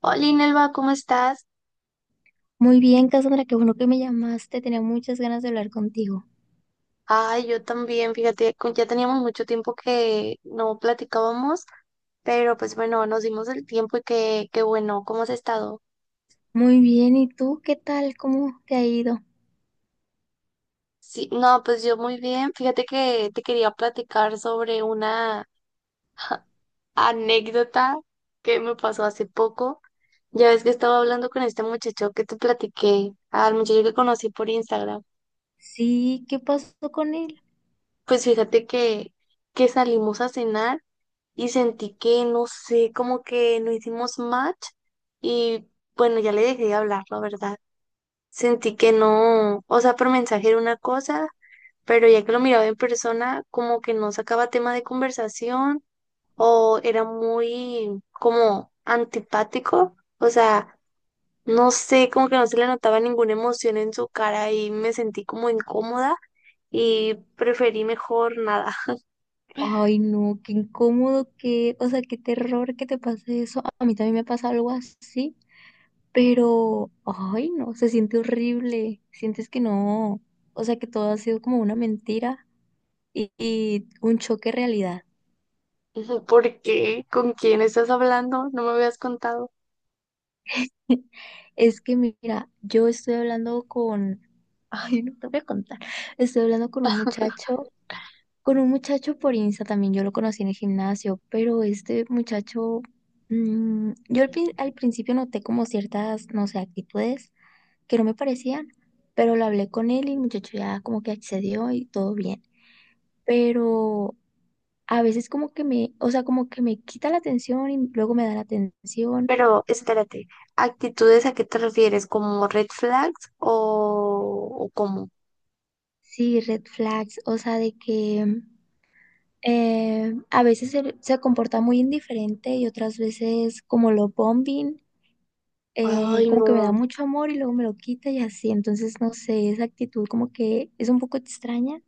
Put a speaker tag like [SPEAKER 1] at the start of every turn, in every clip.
[SPEAKER 1] Hola, Nelva, ¿cómo estás?
[SPEAKER 2] Muy bien, Cassandra, qué bueno que me llamaste. Tenía muchas ganas de hablar contigo.
[SPEAKER 1] Ay, yo también, fíjate, ya teníamos mucho tiempo que no platicábamos, pero pues bueno, nos dimos el tiempo y qué bueno, ¿cómo has estado?
[SPEAKER 2] Muy bien, ¿y tú qué tal? ¿Cómo te ha ido?
[SPEAKER 1] Sí, no, pues yo muy bien, fíjate que te quería platicar sobre una anécdota que me pasó hace poco. Ya ves que estaba hablando con este muchacho que te platiqué, al muchacho que conocí por Instagram.
[SPEAKER 2] Sí, ¿qué pasó con él?
[SPEAKER 1] Pues fíjate que salimos a cenar. Y sentí que, no sé, como que no hicimos match y bueno, ya le dejé de hablar, la verdad. Sentí que no, o sea, por mensaje era una cosa, pero ya que lo miraba en persona, como que no sacaba tema de conversación o era muy como antipático, o sea, no sé, como que no se le notaba ninguna emoción en su cara y me sentí como incómoda y preferí mejor nada.
[SPEAKER 2] Ay, no, qué incómodo, qué, o sea, qué terror que te pase eso. A mí también me pasa algo así, pero, ay, no, se siente horrible. Sientes que no, o sea, que todo ha sido como una mentira y un choque de realidad.
[SPEAKER 1] ¿Por qué? ¿Con quién estás hablando? No me habías contado.
[SPEAKER 2] Es que mira, yo estoy hablando con, ay, no te voy a contar, estoy hablando con un muchacho por Insta también, yo lo conocí en el gimnasio, pero este muchacho, yo al principio noté como ciertas, no sé, actitudes que no me parecían, pero lo hablé con él y el muchacho ya como que accedió y todo bien, pero a veces como que me, o sea, como que me quita la atención y luego me da la atención,
[SPEAKER 1] Pero espérate, ¿actitudes a qué te refieres? ¿Como red flags o cómo?
[SPEAKER 2] sí, red flags, o sea, de que... A veces se comporta muy indiferente y otras veces como lo bombing,
[SPEAKER 1] Ay,
[SPEAKER 2] como que me da
[SPEAKER 1] no,
[SPEAKER 2] mucho amor y luego me lo quita y así. Entonces, no sé, esa actitud como que es un poco extraña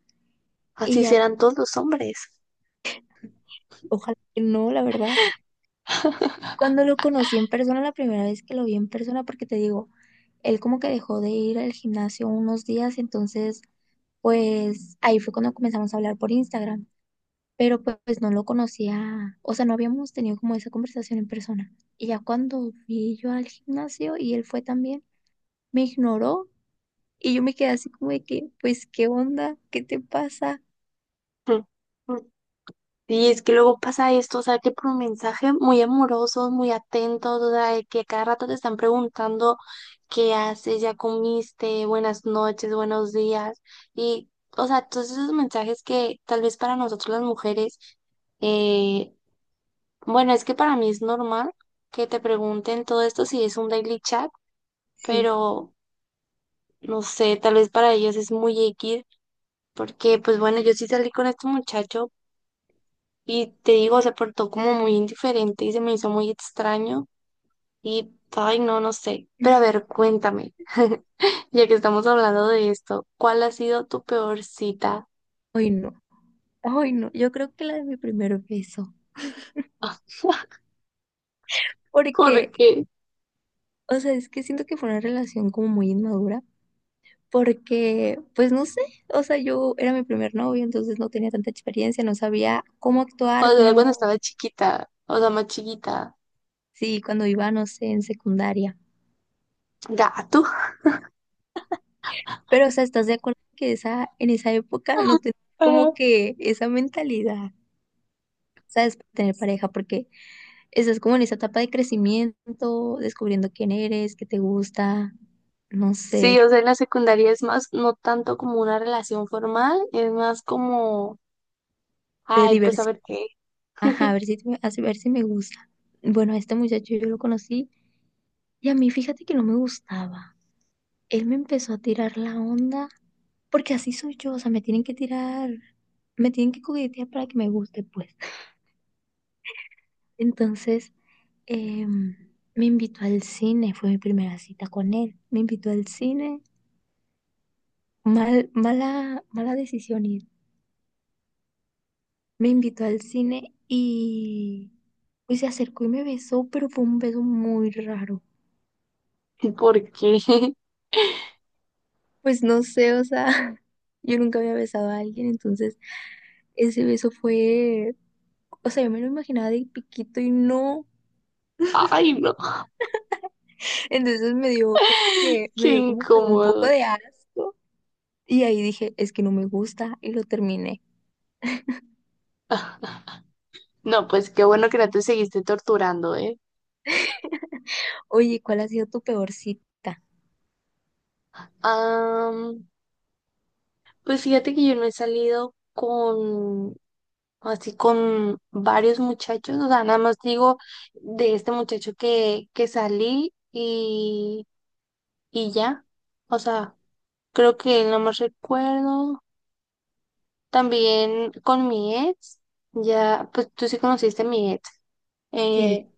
[SPEAKER 2] y
[SPEAKER 1] así
[SPEAKER 2] ya,
[SPEAKER 1] serán todos los hombres.
[SPEAKER 2] ojalá que no, la verdad. Cuando lo conocí en persona, la primera vez que lo vi en persona, porque te digo, él como que dejó de ir al gimnasio unos días, entonces, pues ahí fue cuando comenzamos a hablar por Instagram. Pero pues, pues no lo conocía, o sea, no habíamos tenido como esa conversación en persona. Y ya cuando fui yo al gimnasio y él fue también, me ignoró y yo me quedé así como de que, pues, ¿qué onda? ¿Qué te pasa?
[SPEAKER 1] Mm, mm. Y es que luego pasa esto, o sea, que por un mensaje muy amorosos, muy atentos, o sea, de que a cada rato te están preguntando qué haces, ya comiste, buenas noches, buenos días. Y, o sea, todos esos mensajes que tal vez para nosotros las mujeres. eh Bueno, es que para mí es normal que te pregunten todo esto si es un daily chat,
[SPEAKER 2] Sí,
[SPEAKER 1] pero no sé, tal vez para ellos es muy X, porque pues bueno, yo sí salí con este muchacho y te digo, se portó como muy indiferente y se me hizo muy extraño y, ay, no, no sé. Pero a ver, cuéntame, ya que estamos hablando de esto, ¿cuál ha sido tu peor cita?
[SPEAKER 2] hoy no, hoy no, yo creo que la de mi primer beso,
[SPEAKER 1] ¿Por
[SPEAKER 2] porque,
[SPEAKER 1] qué?
[SPEAKER 2] o sea, es que siento que fue una relación como muy inmadura. Porque, pues no sé, o sea, yo era mi primer novio, entonces no tenía tanta experiencia, no sabía cómo
[SPEAKER 1] O
[SPEAKER 2] actuar,
[SPEAKER 1] sea, cuando
[SPEAKER 2] cómo,
[SPEAKER 1] estaba chiquita, o sea, más chiquita.
[SPEAKER 2] sí, cuando iba, no sé, en secundaria.
[SPEAKER 1] Gato.
[SPEAKER 2] Pero, o sea, ¿estás de acuerdo que esa, en esa época no tenías como que esa mentalidad, ¿sabes? Para tener pareja, porque estás como en esa etapa de crecimiento, descubriendo quién eres, qué te gusta, no
[SPEAKER 1] Sí,
[SPEAKER 2] sé,
[SPEAKER 1] o sea, en la secundaria es más, no tanto como una relación formal, es más como,
[SPEAKER 2] de
[SPEAKER 1] ay, pues a
[SPEAKER 2] diversidad.
[SPEAKER 1] ver qué,
[SPEAKER 2] Ajá, a ver si, me- a si, ver si me gusta. Bueno, a este muchacho yo lo conocí y a mí fíjate que no me gustaba. Él me empezó a tirar la onda, porque así soy yo, o sea, me tienen que tirar, me tienen que coquetear para que me guste, pues. Entonces, em, me invitó al cine, fue mi primera cita con él. Me invitó al cine, mal, mala, mala decisión ir. Me invitó al cine y pues se acercó y me besó, pero fue un beso muy raro.
[SPEAKER 1] ¿por qué?
[SPEAKER 2] Pues no sé, o sea, yo nunca había besado a alguien, entonces ese beso fue, o sea, yo me lo imaginaba de piquito y no.
[SPEAKER 1] Ay, no,
[SPEAKER 2] Entonces
[SPEAKER 1] qué
[SPEAKER 2] me dio como que un poco
[SPEAKER 1] incómodo.
[SPEAKER 2] de asco. Y ahí dije, es que no me gusta y lo terminé.
[SPEAKER 1] Ah, no, pues qué bueno que no te seguiste torturando, ¿eh?
[SPEAKER 2] Oye, ¿cuál ha sido tu peor cita?
[SPEAKER 1] Am, pues fíjate que yo no he salido con, así con varios muchachos, o sea, nada más digo de este muchacho que salí y ya, o sea, creo que no más recuerdo. También con mi ex, ya, pues tú sí conociste a mi ex.
[SPEAKER 2] Sí.
[SPEAKER 1] eh,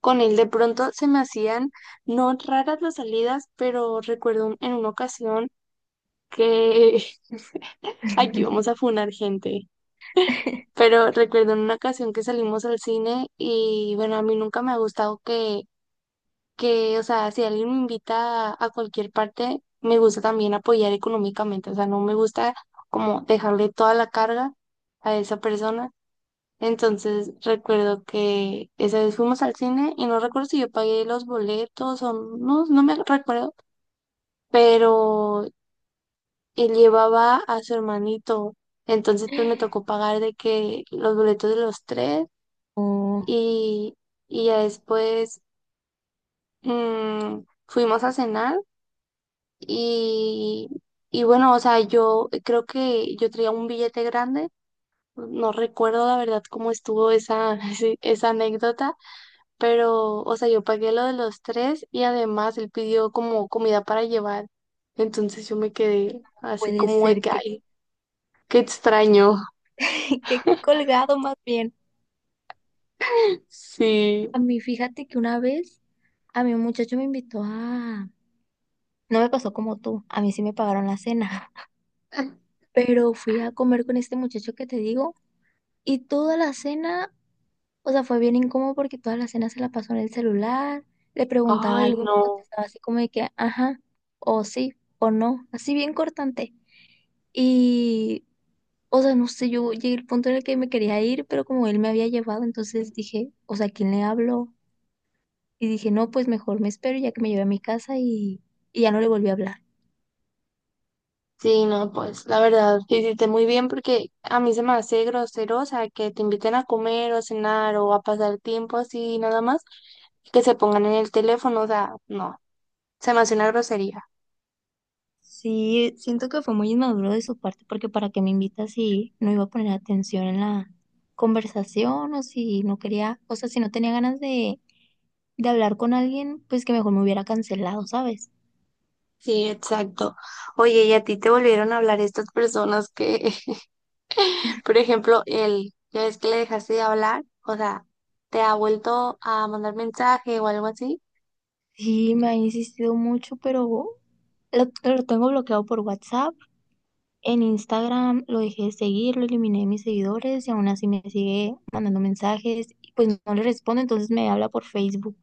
[SPEAKER 1] con él de pronto se me hacían no raras las salidas, pero recuerdo en una ocasión que aquí vamos a funar gente. Pero recuerdo en una ocasión que salimos al cine y bueno, a mí nunca me ha gustado que, o sea, si alguien me invita a cualquier parte, me gusta también apoyar económicamente. O sea, no me gusta como dejarle toda la carga a esa persona. Entonces recuerdo que esa vez fuimos al cine y no recuerdo si yo pagué los boletos o no, no me recuerdo, pero él llevaba a su hermanito. Entonces pues me tocó pagar de que los boletos de los tres
[SPEAKER 2] O
[SPEAKER 1] y, y ya después, mm, fuimos a cenar y, y bueno, o sea, yo creo que yo traía un billete grande. No recuerdo la verdad cómo estuvo esa, esa anécdota, pero, o sea, yo pagué lo de los tres y además él pidió como comida para llevar. Entonces yo me quedé así
[SPEAKER 2] puede
[SPEAKER 1] como de
[SPEAKER 2] ser
[SPEAKER 1] que,
[SPEAKER 2] que,
[SPEAKER 1] ay, qué extraño.
[SPEAKER 2] que he colgado más bien.
[SPEAKER 1] Sí.
[SPEAKER 2] A mí, fíjate que una vez a mi muchacho me invitó a, no me pasó como tú, a mí sí me pagaron la cena, pero fui a comer con este muchacho que te digo y toda la cena, o sea, fue bien incómodo porque toda la cena se la pasó en el celular, le preguntaba
[SPEAKER 1] Ay,
[SPEAKER 2] algo y me
[SPEAKER 1] no.
[SPEAKER 2] contestaba así como de que, ajá, o sí, o no, así bien cortante. Y, o sea, no sé, yo llegué al punto en el que me quería ir, pero como él me había llevado, entonces dije, o sea, ¿a quién le hablo? Y dije, no, pues mejor me espero ya que me lleve a mi casa y ya no le volví a hablar.
[SPEAKER 1] Sí, no, pues la verdad, hiciste muy bien porque a mí se me hace grosero, o sea, que te inviten a comer o cenar o a pasar tiempo así nada más, que se pongan en el teléfono, o sea, no, se me hace una grosería.
[SPEAKER 2] Sí, siento que fue muy inmaduro de su parte porque para qué me invita si no iba a poner atención en la conversación o si no quería, o sea, si no tenía ganas de hablar con alguien, pues que mejor me hubiera cancelado, ¿sabes?
[SPEAKER 1] Sí, exacto. Oye, ¿y a ti te volvieron a hablar estas personas que por ejemplo, él, ya ves que le dejaste de hablar, o sea, te ha vuelto a mandar mensaje o algo así?
[SPEAKER 2] Sí, me ha insistido mucho, pero lo tengo bloqueado por WhatsApp, en Instagram lo dejé de seguir, lo eliminé de mis seguidores y aún así me sigue mandando mensajes y pues no le respondo, entonces me habla por Facebook.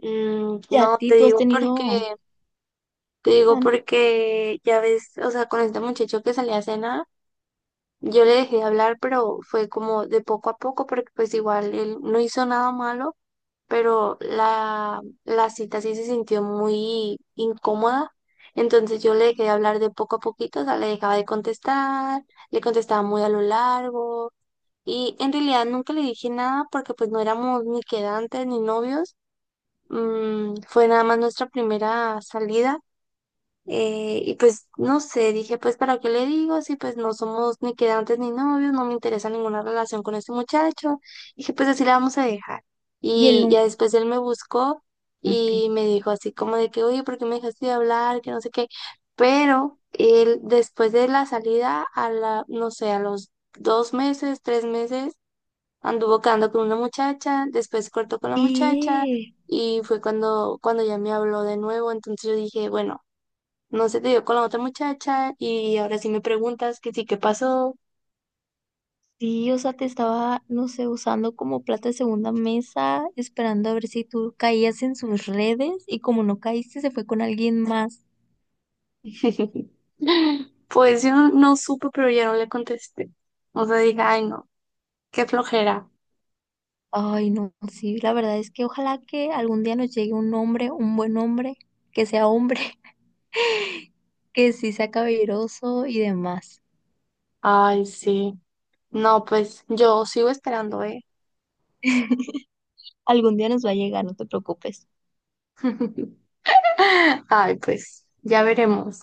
[SPEAKER 1] Mm,
[SPEAKER 2] Ya a
[SPEAKER 1] no,
[SPEAKER 2] ti,
[SPEAKER 1] te
[SPEAKER 2] tú has
[SPEAKER 1] digo porque,
[SPEAKER 2] tenido...
[SPEAKER 1] te digo
[SPEAKER 2] Man.
[SPEAKER 1] porque ya ves, o sea, con este muchacho que salía a cenar, yo le dejé de hablar, pero fue como de poco a poco, porque pues igual él no hizo nada malo, pero la cita sí se sintió muy incómoda. Entonces yo le dejé de hablar de poco a poquito, o sea, le dejaba de contestar, le contestaba muy a lo largo. Y en realidad nunca le dije nada porque pues no éramos ni quedantes ni novios. Fue nada más nuestra primera salida. Y pues no sé, dije pues ¿para qué le digo? Si pues no somos ni quedantes ni novios, no me interesa ninguna relación con este muchacho. Dije pues así la vamos a dejar.
[SPEAKER 2] Y él
[SPEAKER 1] Y
[SPEAKER 2] nunca,
[SPEAKER 1] ya después él me buscó y
[SPEAKER 2] ok.
[SPEAKER 1] me dijo así como de que, oye, ¿por qué me dejaste de hablar? Que no sé qué. Pero él después de la salida, a la, no sé, a los 2 meses, 3 meses. Anduvo quedando con una muchacha, después cortó con la muchacha
[SPEAKER 2] Y
[SPEAKER 1] y fue cuando ya me habló de nuevo. Entonces yo dije, bueno, no se te dio con la otra muchacha y ahora sí me preguntas que sí, ¿qué pasó?
[SPEAKER 2] sí, o sea, te estaba, no sé, usando como plata de segunda mesa, esperando a ver si tú caías en sus redes y como no caíste, se fue con alguien más.
[SPEAKER 1] Pues yo no, no supe, pero ya no le contesté. O sea, dije, ay, no, qué flojera.
[SPEAKER 2] Ay, no, sí, la verdad es que ojalá que algún día nos llegue un hombre, un buen hombre, que sea hombre, que sí sea caballeroso y demás.
[SPEAKER 1] Ay, sí. No, pues yo sigo esperando, ¿eh?
[SPEAKER 2] Algún día nos va a llegar, no te preocupes.
[SPEAKER 1] Ay, pues ya veremos.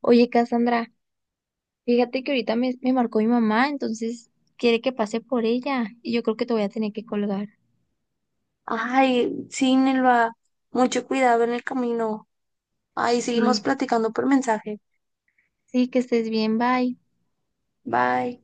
[SPEAKER 2] Oye, Cassandra, fíjate que ahorita me, me marcó mi mamá, entonces quiere que pase por ella y yo creo que te voy a tener que colgar.
[SPEAKER 1] Ay, sí, Nelva, mucho cuidado en el camino. Ahí seguimos
[SPEAKER 2] Sí.
[SPEAKER 1] platicando por mensaje.
[SPEAKER 2] Sí, que estés bien, bye.
[SPEAKER 1] Bye.